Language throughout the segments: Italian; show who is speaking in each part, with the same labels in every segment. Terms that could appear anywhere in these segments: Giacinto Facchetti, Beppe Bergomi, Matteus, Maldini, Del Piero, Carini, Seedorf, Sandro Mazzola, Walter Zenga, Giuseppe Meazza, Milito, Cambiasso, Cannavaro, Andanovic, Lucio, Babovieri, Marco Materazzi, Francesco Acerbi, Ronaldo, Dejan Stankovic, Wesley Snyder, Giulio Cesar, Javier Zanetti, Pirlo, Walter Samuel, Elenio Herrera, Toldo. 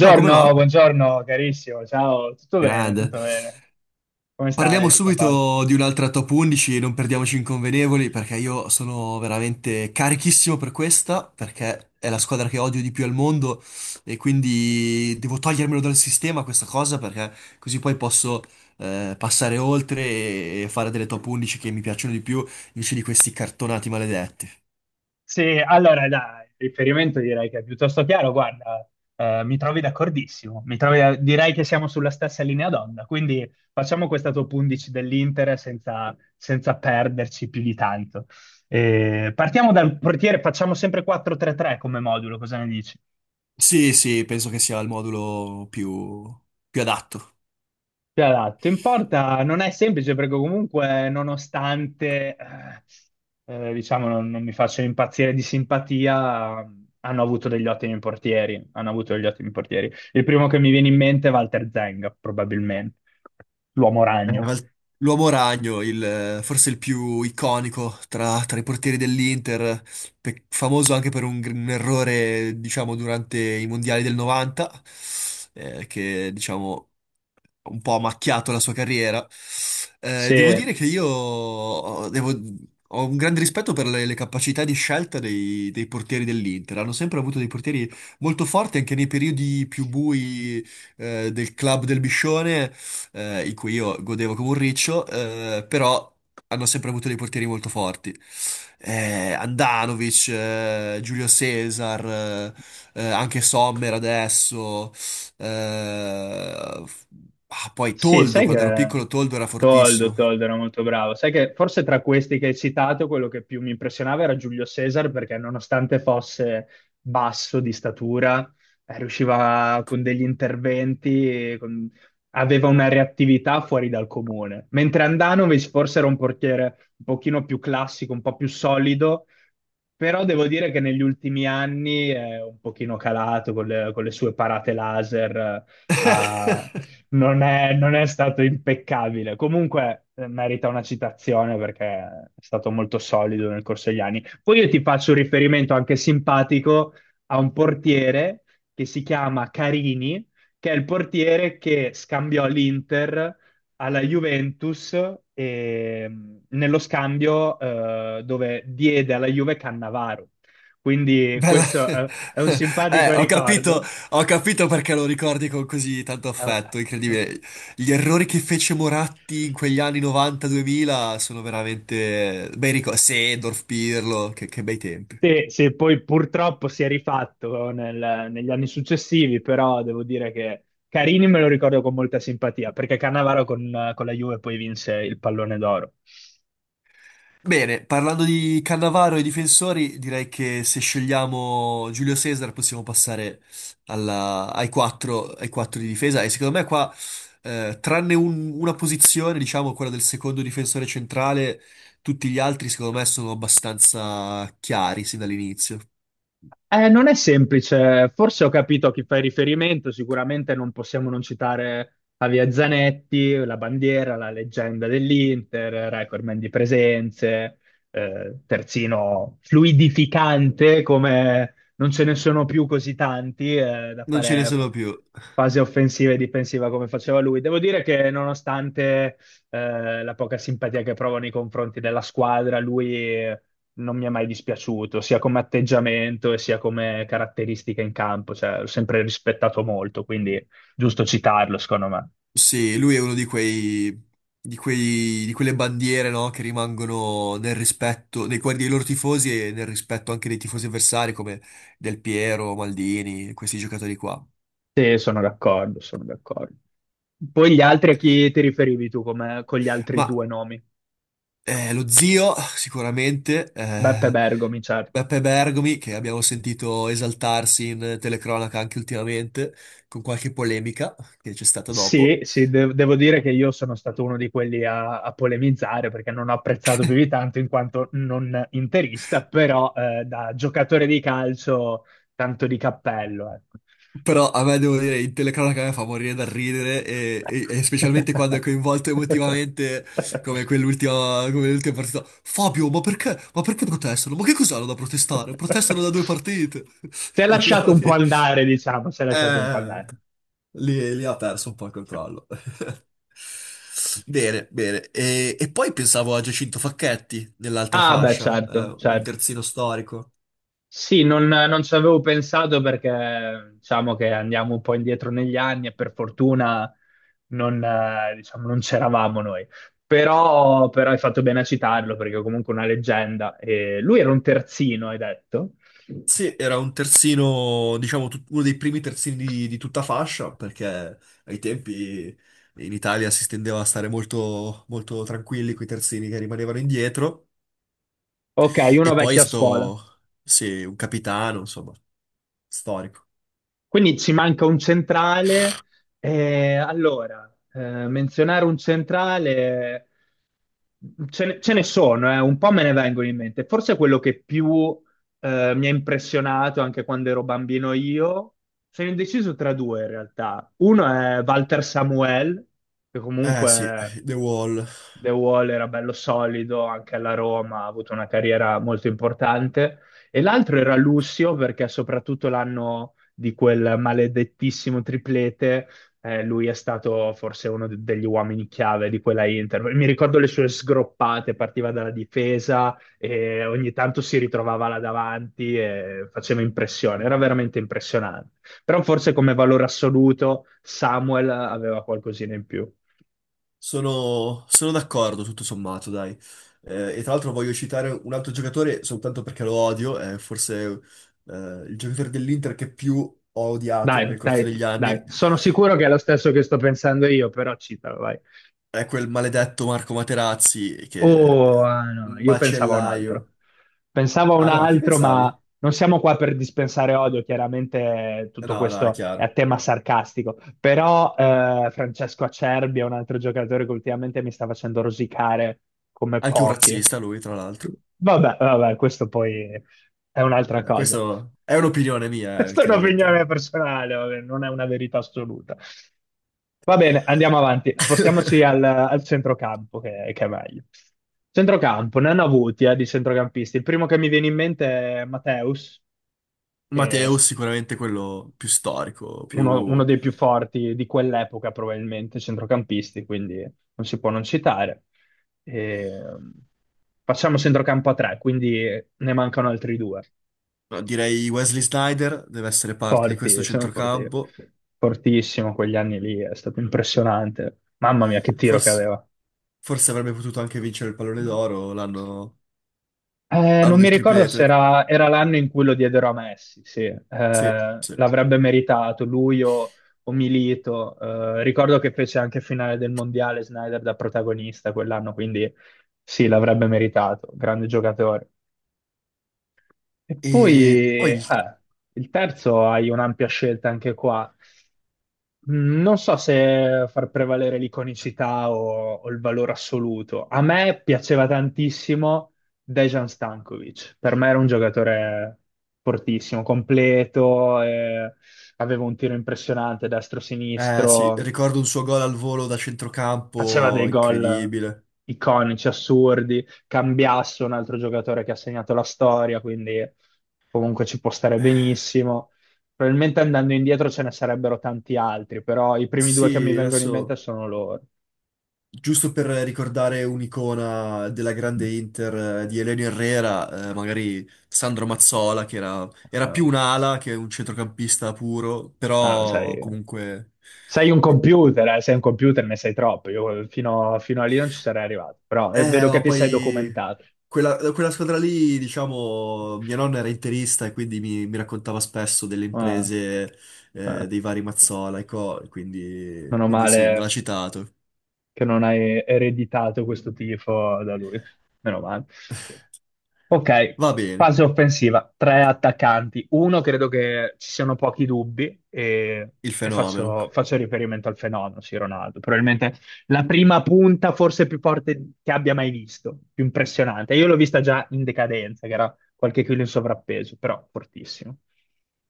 Speaker 1: Ciao, come va?
Speaker 2: buongiorno carissimo, ciao,
Speaker 1: Grande.
Speaker 2: tutto bene, come
Speaker 1: Parliamo
Speaker 2: stai? Tutto a posto?
Speaker 1: subito di un'altra top 11, non perdiamoci inconvenevoli, perché io sono veramente carichissimo per questa, perché è la squadra che odio di più al mondo e quindi devo togliermelo dal sistema questa cosa, perché così poi posso passare oltre e fare delle top 11 che mi piacciono di più, invece di questi cartonati maledetti.
Speaker 2: Sì, allora dai, il riferimento direi che è piuttosto chiaro, guarda, mi trovi d'accordissimo, mi trovi direi che siamo sulla stessa linea d'onda, quindi facciamo questa top 11 dell'Inter senza perderci più di tanto. Partiamo dal portiere, facciamo sempre 4-3-3 come modulo, cosa ne dici?
Speaker 1: Sì, sì, penso che sia il modulo più adatto.
Speaker 2: Ti adatto. In porta non è semplice perché comunque nonostante diciamo non mi faccio impazzire di simpatia, hanno avuto degli ottimi portieri. Il primo che mi viene in mente è Walter Zenga, probabilmente, l'uomo
Speaker 1: Eh,
Speaker 2: ragno.
Speaker 1: ma il- L'uomo ragno, forse il più iconico tra i portieri dell'Inter, famoso anche per un errore, diciamo, durante i mondiali del 90, che, diciamo, un po' ha macchiato la sua carriera.
Speaker 2: Sì,
Speaker 1: Devo dire che io ho un grande rispetto per le capacità di scelta dei portieri dell'Inter. Hanno sempre avuto dei portieri molto forti anche nei periodi più bui, del club del Biscione in cui io godevo come un riccio, però hanno sempre avuto dei portieri molto forti. Andanovic, Giulio Cesar, anche Sommer adesso, eh, f- poi
Speaker 2: sì,
Speaker 1: Toldo,
Speaker 2: sai
Speaker 1: quando ero
Speaker 2: che
Speaker 1: piccolo Toldo era
Speaker 2: Toldo,
Speaker 1: fortissimo.
Speaker 2: Toldo era molto bravo. Sai che forse tra questi che hai citato, quello che più mi impressionava era Giulio Cesar, perché nonostante fosse basso di statura, riusciva con degli interventi, aveva una reattività fuori dal comune. Mentre Andanovic forse era un portiere un pochino più classico, un po' più solido, però devo dire che negli ultimi anni è un pochino calato con le sue parate laser. A, non è, non è stato impeccabile. Comunque merita una citazione perché è stato molto solido nel corso degli anni. Poi io ti faccio un riferimento anche simpatico a un portiere che si chiama Carini, che è il portiere che scambiò l'Inter alla Juventus e, nello scambio dove diede alla Juve Cannavaro. Quindi
Speaker 1: Bella.
Speaker 2: questo è, è un simpatico
Speaker 1: Ho capito,
Speaker 2: ricordo.
Speaker 1: ho capito perché lo ricordi con così tanto
Speaker 2: È-
Speaker 1: affetto, incredibile. Gli errori che fece Moratti in quegli anni 90-2000 sono veramente bei ricordi. Seedorf, Pirlo, che bei tempi.
Speaker 2: Sì, sì, poi purtroppo si è rifatto negli anni successivi, però devo dire che Carini me lo ricordo con molta simpatia, perché Cannavaro con la Juve poi vinse il pallone d'oro.
Speaker 1: Bene, parlando di Cannavaro e difensori, direi che se scegliamo Giulio Cesar possiamo passare ai quattro di difesa e secondo me qua, tranne una posizione, diciamo quella del secondo difensore centrale, tutti gli altri secondo me sono abbastanza chiari sin dall'inizio.
Speaker 2: Non è semplice, forse ho capito a chi fai riferimento, sicuramente non possiamo non citare Javier Zanetti, la bandiera, la leggenda dell'Inter, recordman di presenze, terzino fluidificante come non ce ne sono più così tanti da
Speaker 1: Non ce ne
Speaker 2: fare
Speaker 1: sono più.
Speaker 2: fase offensiva e difensiva come faceva lui. Devo dire che nonostante la poca simpatia che provo nei confronti della squadra, lui non mi è mai dispiaciuto, sia come atteggiamento e sia come caratteristica in campo, cioè l'ho sempre rispettato molto, quindi giusto citarlo, secondo me.
Speaker 1: Sì, lui è uno di quelle bandiere, no, che rimangono nel rispetto nei cuori dei loro tifosi e nel rispetto anche dei tifosi avversari come Del Piero, Maldini, questi giocatori qua.
Speaker 2: Sì, sono d'accordo, sono d'accordo. Poi gli altri a chi ti riferivi tu come, con gli altri
Speaker 1: Ma
Speaker 2: due nomi?
Speaker 1: lo zio, sicuramente,
Speaker 2: Beppe Bergomi, certo.
Speaker 1: Beppe Bergomi, che abbiamo sentito esaltarsi in telecronaca anche ultimamente, con qualche polemica che c'è stata
Speaker 2: Sì,
Speaker 1: dopo.
Speaker 2: sì, devo dire che io sono stato uno di quelli a polemizzare perché non ho apprezzato più di tanto in quanto non interista, però da giocatore di calcio tanto di cappello, ecco.
Speaker 1: Però a me devo dire, in telecronaca a me fa morire dal ridere e specialmente quando è coinvolto emotivamente come l'ultima partita. Fabio, ma perché? Ma perché protestano? Ma che cos'hanno da protestare? Protestano da due partite.
Speaker 2: Si è
Speaker 1: E allora
Speaker 2: lasciato un po' andare, diciamo, si è lasciato un po'
Speaker 1: eh,
Speaker 2: andare.
Speaker 1: lì ha perso un po' il controllo. Bene, bene. E poi pensavo a Giacinto Facchetti nell'altra
Speaker 2: Ah, beh,
Speaker 1: fascia,
Speaker 2: certo,
Speaker 1: un
Speaker 2: certo.
Speaker 1: terzino storico.
Speaker 2: Sì, non ci avevo pensato perché diciamo che andiamo un po' indietro negli anni e per fortuna non c'eravamo noi. Però hai fatto bene a citarlo perché è comunque una leggenda. E lui era un terzino, hai detto?
Speaker 1: Sì, era un terzino, diciamo, uno dei primi terzini di tutta fascia, perché ai tempi in Italia si tendeva a stare molto, molto tranquilli con i terzini che rimanevano indietro.
Speaker 2: Ok, uno
Speaker 1: E poi è
Speaker 2: vecchio a scuola.
Speaker 1: stato, sì, un capitano, insomma, storico.
Speaker 2: Quindi ci manca un centrale. Allora, menzionare un centrale. Ce ne sono, un po' me ne vengono in mente. Forse quello che più mi ha impressionato anche quando ero bambino io, sono indeciso tra due in realtà. Uno è Walter Samuel, che
Speaker 1: Eh sì,
Speaker 2: comunque
Speaker 1: The Wall.
Speaker 2: The Wall era bello solido, anche alla Roma ha avuto una carriera molto importante. E l'altro era Lucio, perché soprattutto l'anno di quel maledettissimo triplete lui è stato forse degli uomini chiave di quella Inter. Mi ricordo le sue sgroppate, partiva dalla difesa e ogni tanto si ritrovava là davanti e faceva impressione, era veramente impressionante. Però forse come valore assoluto Samuel aveva qualcosina in più.
Speaker 1: Sono d'accordo, tutto sommato, dai. E tra l'altro voglio citare un altro giocatore soltanto perché lo odio, è forse il giocatore dell'Inter che più ho odiato nel
Speaker 2: Dai,
Speaker 1: corso
Speaker 2: dai,
Speaker 1: degli anni.
Speaker 2: dai, sono sicuro che è lo stesso che sto pensando io, però citalo, vai.
Speaker 1: È quel maledetto Marco Materazzi che
Speaker 2: Oh, ah, no,
Speaker 1: un
Speaker 2: io pensavo a un altro.
Speaker 1: Macellaio.
Speaker 2: Pensavo a un
Speaker 1: Ah no, chi
Speaker 2: altro,
Speaker 1: pensavi?
Speaker 2: ma non siamo qua per dispensare odio, chiaramente tutto
Speaker 1: No, no, è
Speaker 2: questo è a
Speaker 1: chiaro.
Speaker 2: tema sarcastico. Però Francesco Acerbi è un altro giocatore che ultimamente mi sta facendo rosicare come
Speaker 1: Anche un
Speaker 2: pochi.
Speaker 1: razzista lui, tra l'altro.
Speaker 2: Vabbè, vabbè, questo poi è un'altra cosa.
Speaker 1: Questo è un'opinione mia,
Speaker 2: Questa è
Speaker 1: chiaramente.
Speaker 2: un'opinione personale, vabbè, non è una verità assoluta. Va bene, andiamo avanti. Spostiamoci al centrocampo, che è meglio. Centrocampo, ne hanno avuti di centrocampisti. Il primo che mi viene in mente è Matteus, che è
Speaker 1: Matteo sicuramente quello più storico,
Speaker 2: uno
Speaker 1: più.
Speaker 2: dei più forti di quell'epoca, probabilmente, centrocampisti, quindi non si può non citare. E facciamo centrocampo a tre, quindi ne mancano altri due.
Speaker 1: No, direi Wesley Snyder deve essere parte di questo
Speaker 2: Forti, sono forti.
Speaker 1: centrocampo.
Speaker 2: Fortissimo, quegli anni lì è stato impressionante. Mamma mia, che tiro che
Speaker 1: Forse,
Speaker 2: aveva.
Speaker 1: forse avrebbe potuto anche vincere il pallone d'oro l'anno
Speaker 2: Eh,
Speaker 1: l'anno
Speaker 2: non mi
Speaker 1: del
Speaker 2: ricordo se
Speaker 1: triplete.
Speaker 2: era l'anno in cui lo diedero a Messi, sì.
Speaker 1: Sì, sì.
Speaker 2: L'avrebbe meritato lui o Milito. Ricordo che fece anche finale del mondiale Snyder da protagonista quell'anno, quindi sì, l'avrebbe meritato, grande giocatore. E poi
Speaker 1: E poi il
Speaker 2: il terzo hai un'ampia scelta anche qua. Non so se far prevalere l'iconicità o il valore assoluto. A me piaceva tantissimo Dejan Stankovic. Per me era un giocatore fortissimo, completo, aveva un tiro impressionante
Speaker 1: Eh sì,
Speaker 2: destro-sinistro,
Speaker 1: ricordo un suo gol al volo da
Speaker 2: faceva
Speaker 1: centrocampo,
Speaker 2: dei gol
Speaker 1: incredibile.
Speaker 2: iconici, assurdi. Cambiasso, un altro giocatore che ha segnato la storia, quindi comunque ci può stare
Speaker 1: Eh,
Speaker 2: benissimo. Probabilmente andando indietro ce ne sarebbero tanti altri, però i primi due che mi
Speaker 1: Sì,
Speaker 2: vengono in mente
Speaker 1: adesso,
Speaker 2: sono loro.
Speaker 1: giusto per ricordare un'icona della grande Inter di Elenio Herrera, magari Sandro Mazzola, che era
Speaker 2: Ah,
Speaker 1: più un ala che un centrocampista puro,
Speaker 2: ah,
Speaker 1: però
Speaker 2: sei,
Speaker 1: comunque.
Speaker 2: sei un computer, sei un computer, ne sai troppo. Io fino a lì non ci sarei arrivato, però vedo che
Speaker 1: Ma
Speaker 2: ti sei
Speaker 1: poi
Speaker 2: documentato.
Speaker 1: quella squadra lì, diciamo, mia nonna era interista e quindi mi raccontava spesso delle
Speaker 2: Ah,
Speaker 1: imprese
Speaker 2: ah,
Speaker 1: dei vari Mazzola e co, quindi,
Speaker 2: meno
Speaker 1: quindi sì, me l'ha
Speaker 2: male,
Speaker 1: citato.
Speaker 2: che non hai ereditato questo tifo da lui. Meno male. Ok,
Speaker 1: Va bene,
Speaker 2: fase offensiva, tre attaccanti. Uno credo che ci siano pochi dubbi e,
Speaker 1: il
Speaker 2: e
Speaker 1: fenomeno,
Speaker 2: faccio riferimento al fenomeno, sì, Ronaldo. Probabilmente la prima punta forse più forte che abbia mai visto, più impressionante. Io l'ho vista già in decadenza, che era qualche chilo in sovrappeso, però fortissimo.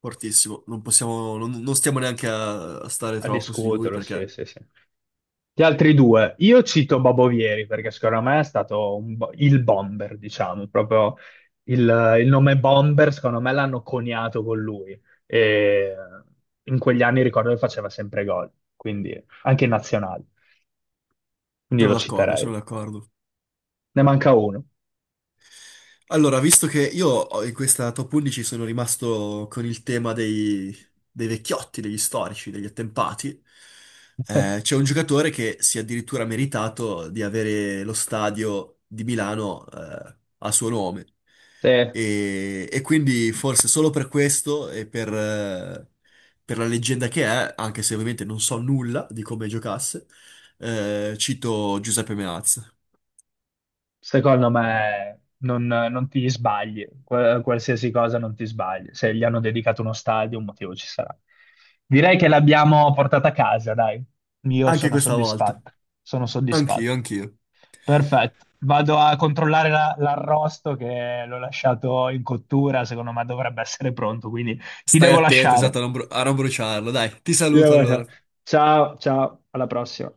Speaker 1: fortissimo. Non possiamo, non stiamo neanche a stare
Speaker 2: A
Speaker 1: troppo su di lui
Speaker 2: discuterlo, sì,
Speaker 1: perché
Speaker 2: sì, sì. Gli altri due, io cito Babovieri perché secondo me è stato un il bomber, diciamo, proprio il nome bomber, secondo me l'hanno coniato con lui. E in quegli anni ricordo che faceva sempre gol, quindi anche in nazionale, quindi
Speaker 1: sono
Speaker 2: lo
Speaker 1: d'accordo,
Speaker 2: citerei.
Speaker 1: sono d'accordo.
Speaker 2: Ne manca uno.
Speaker 1: Allora, visto che in questa top 11 sono rimasto con il tema dei vecchiotti, degli storici, degli attempati, c'è un giocatore che si è addirittura meritato di avere lo stadio di Milano, a suo nome.
Speaker 2: Sì,
Speaker 1: E quindi forse solo per questo e per la leggenda che è, anche se ovviamente non so nulla di come giocasse, cito Giuseppe Meazza.
Speaker 2: secondo me non ti sbagli. Qualsiasi cosa non ti sbagli. Se gli hanno dedicato uno stadio, un motivo ci sarà. Direi che l'abbiamo portata a casa, dai. Io
Speaker 1: Anche
Speaker 2: sono
Speaker 1: questa volta.
Speaker 2: soddisfatto, sono soddisfatto.
Speaker 1: Anch'io, anch'io.
Speaker 2: Perfetto, vado a controllare l'arrosto che l'ho lasciato in cottura, secondo me dovrebbe essere pronto, quindi ti
Speaker 1: Stai
Speaker 2: devo
Speaker 1: attento, esatto,
Speaker 2: lasciare.
Speaker 1: a non bruciarlo. Dai, ti
Speaker 2: Ti
Speaker 1: saluto
Speaker 2: devo lasciare.
Speaker 1: allora.
Speaker 2: Ciao, ciao, alla prossima.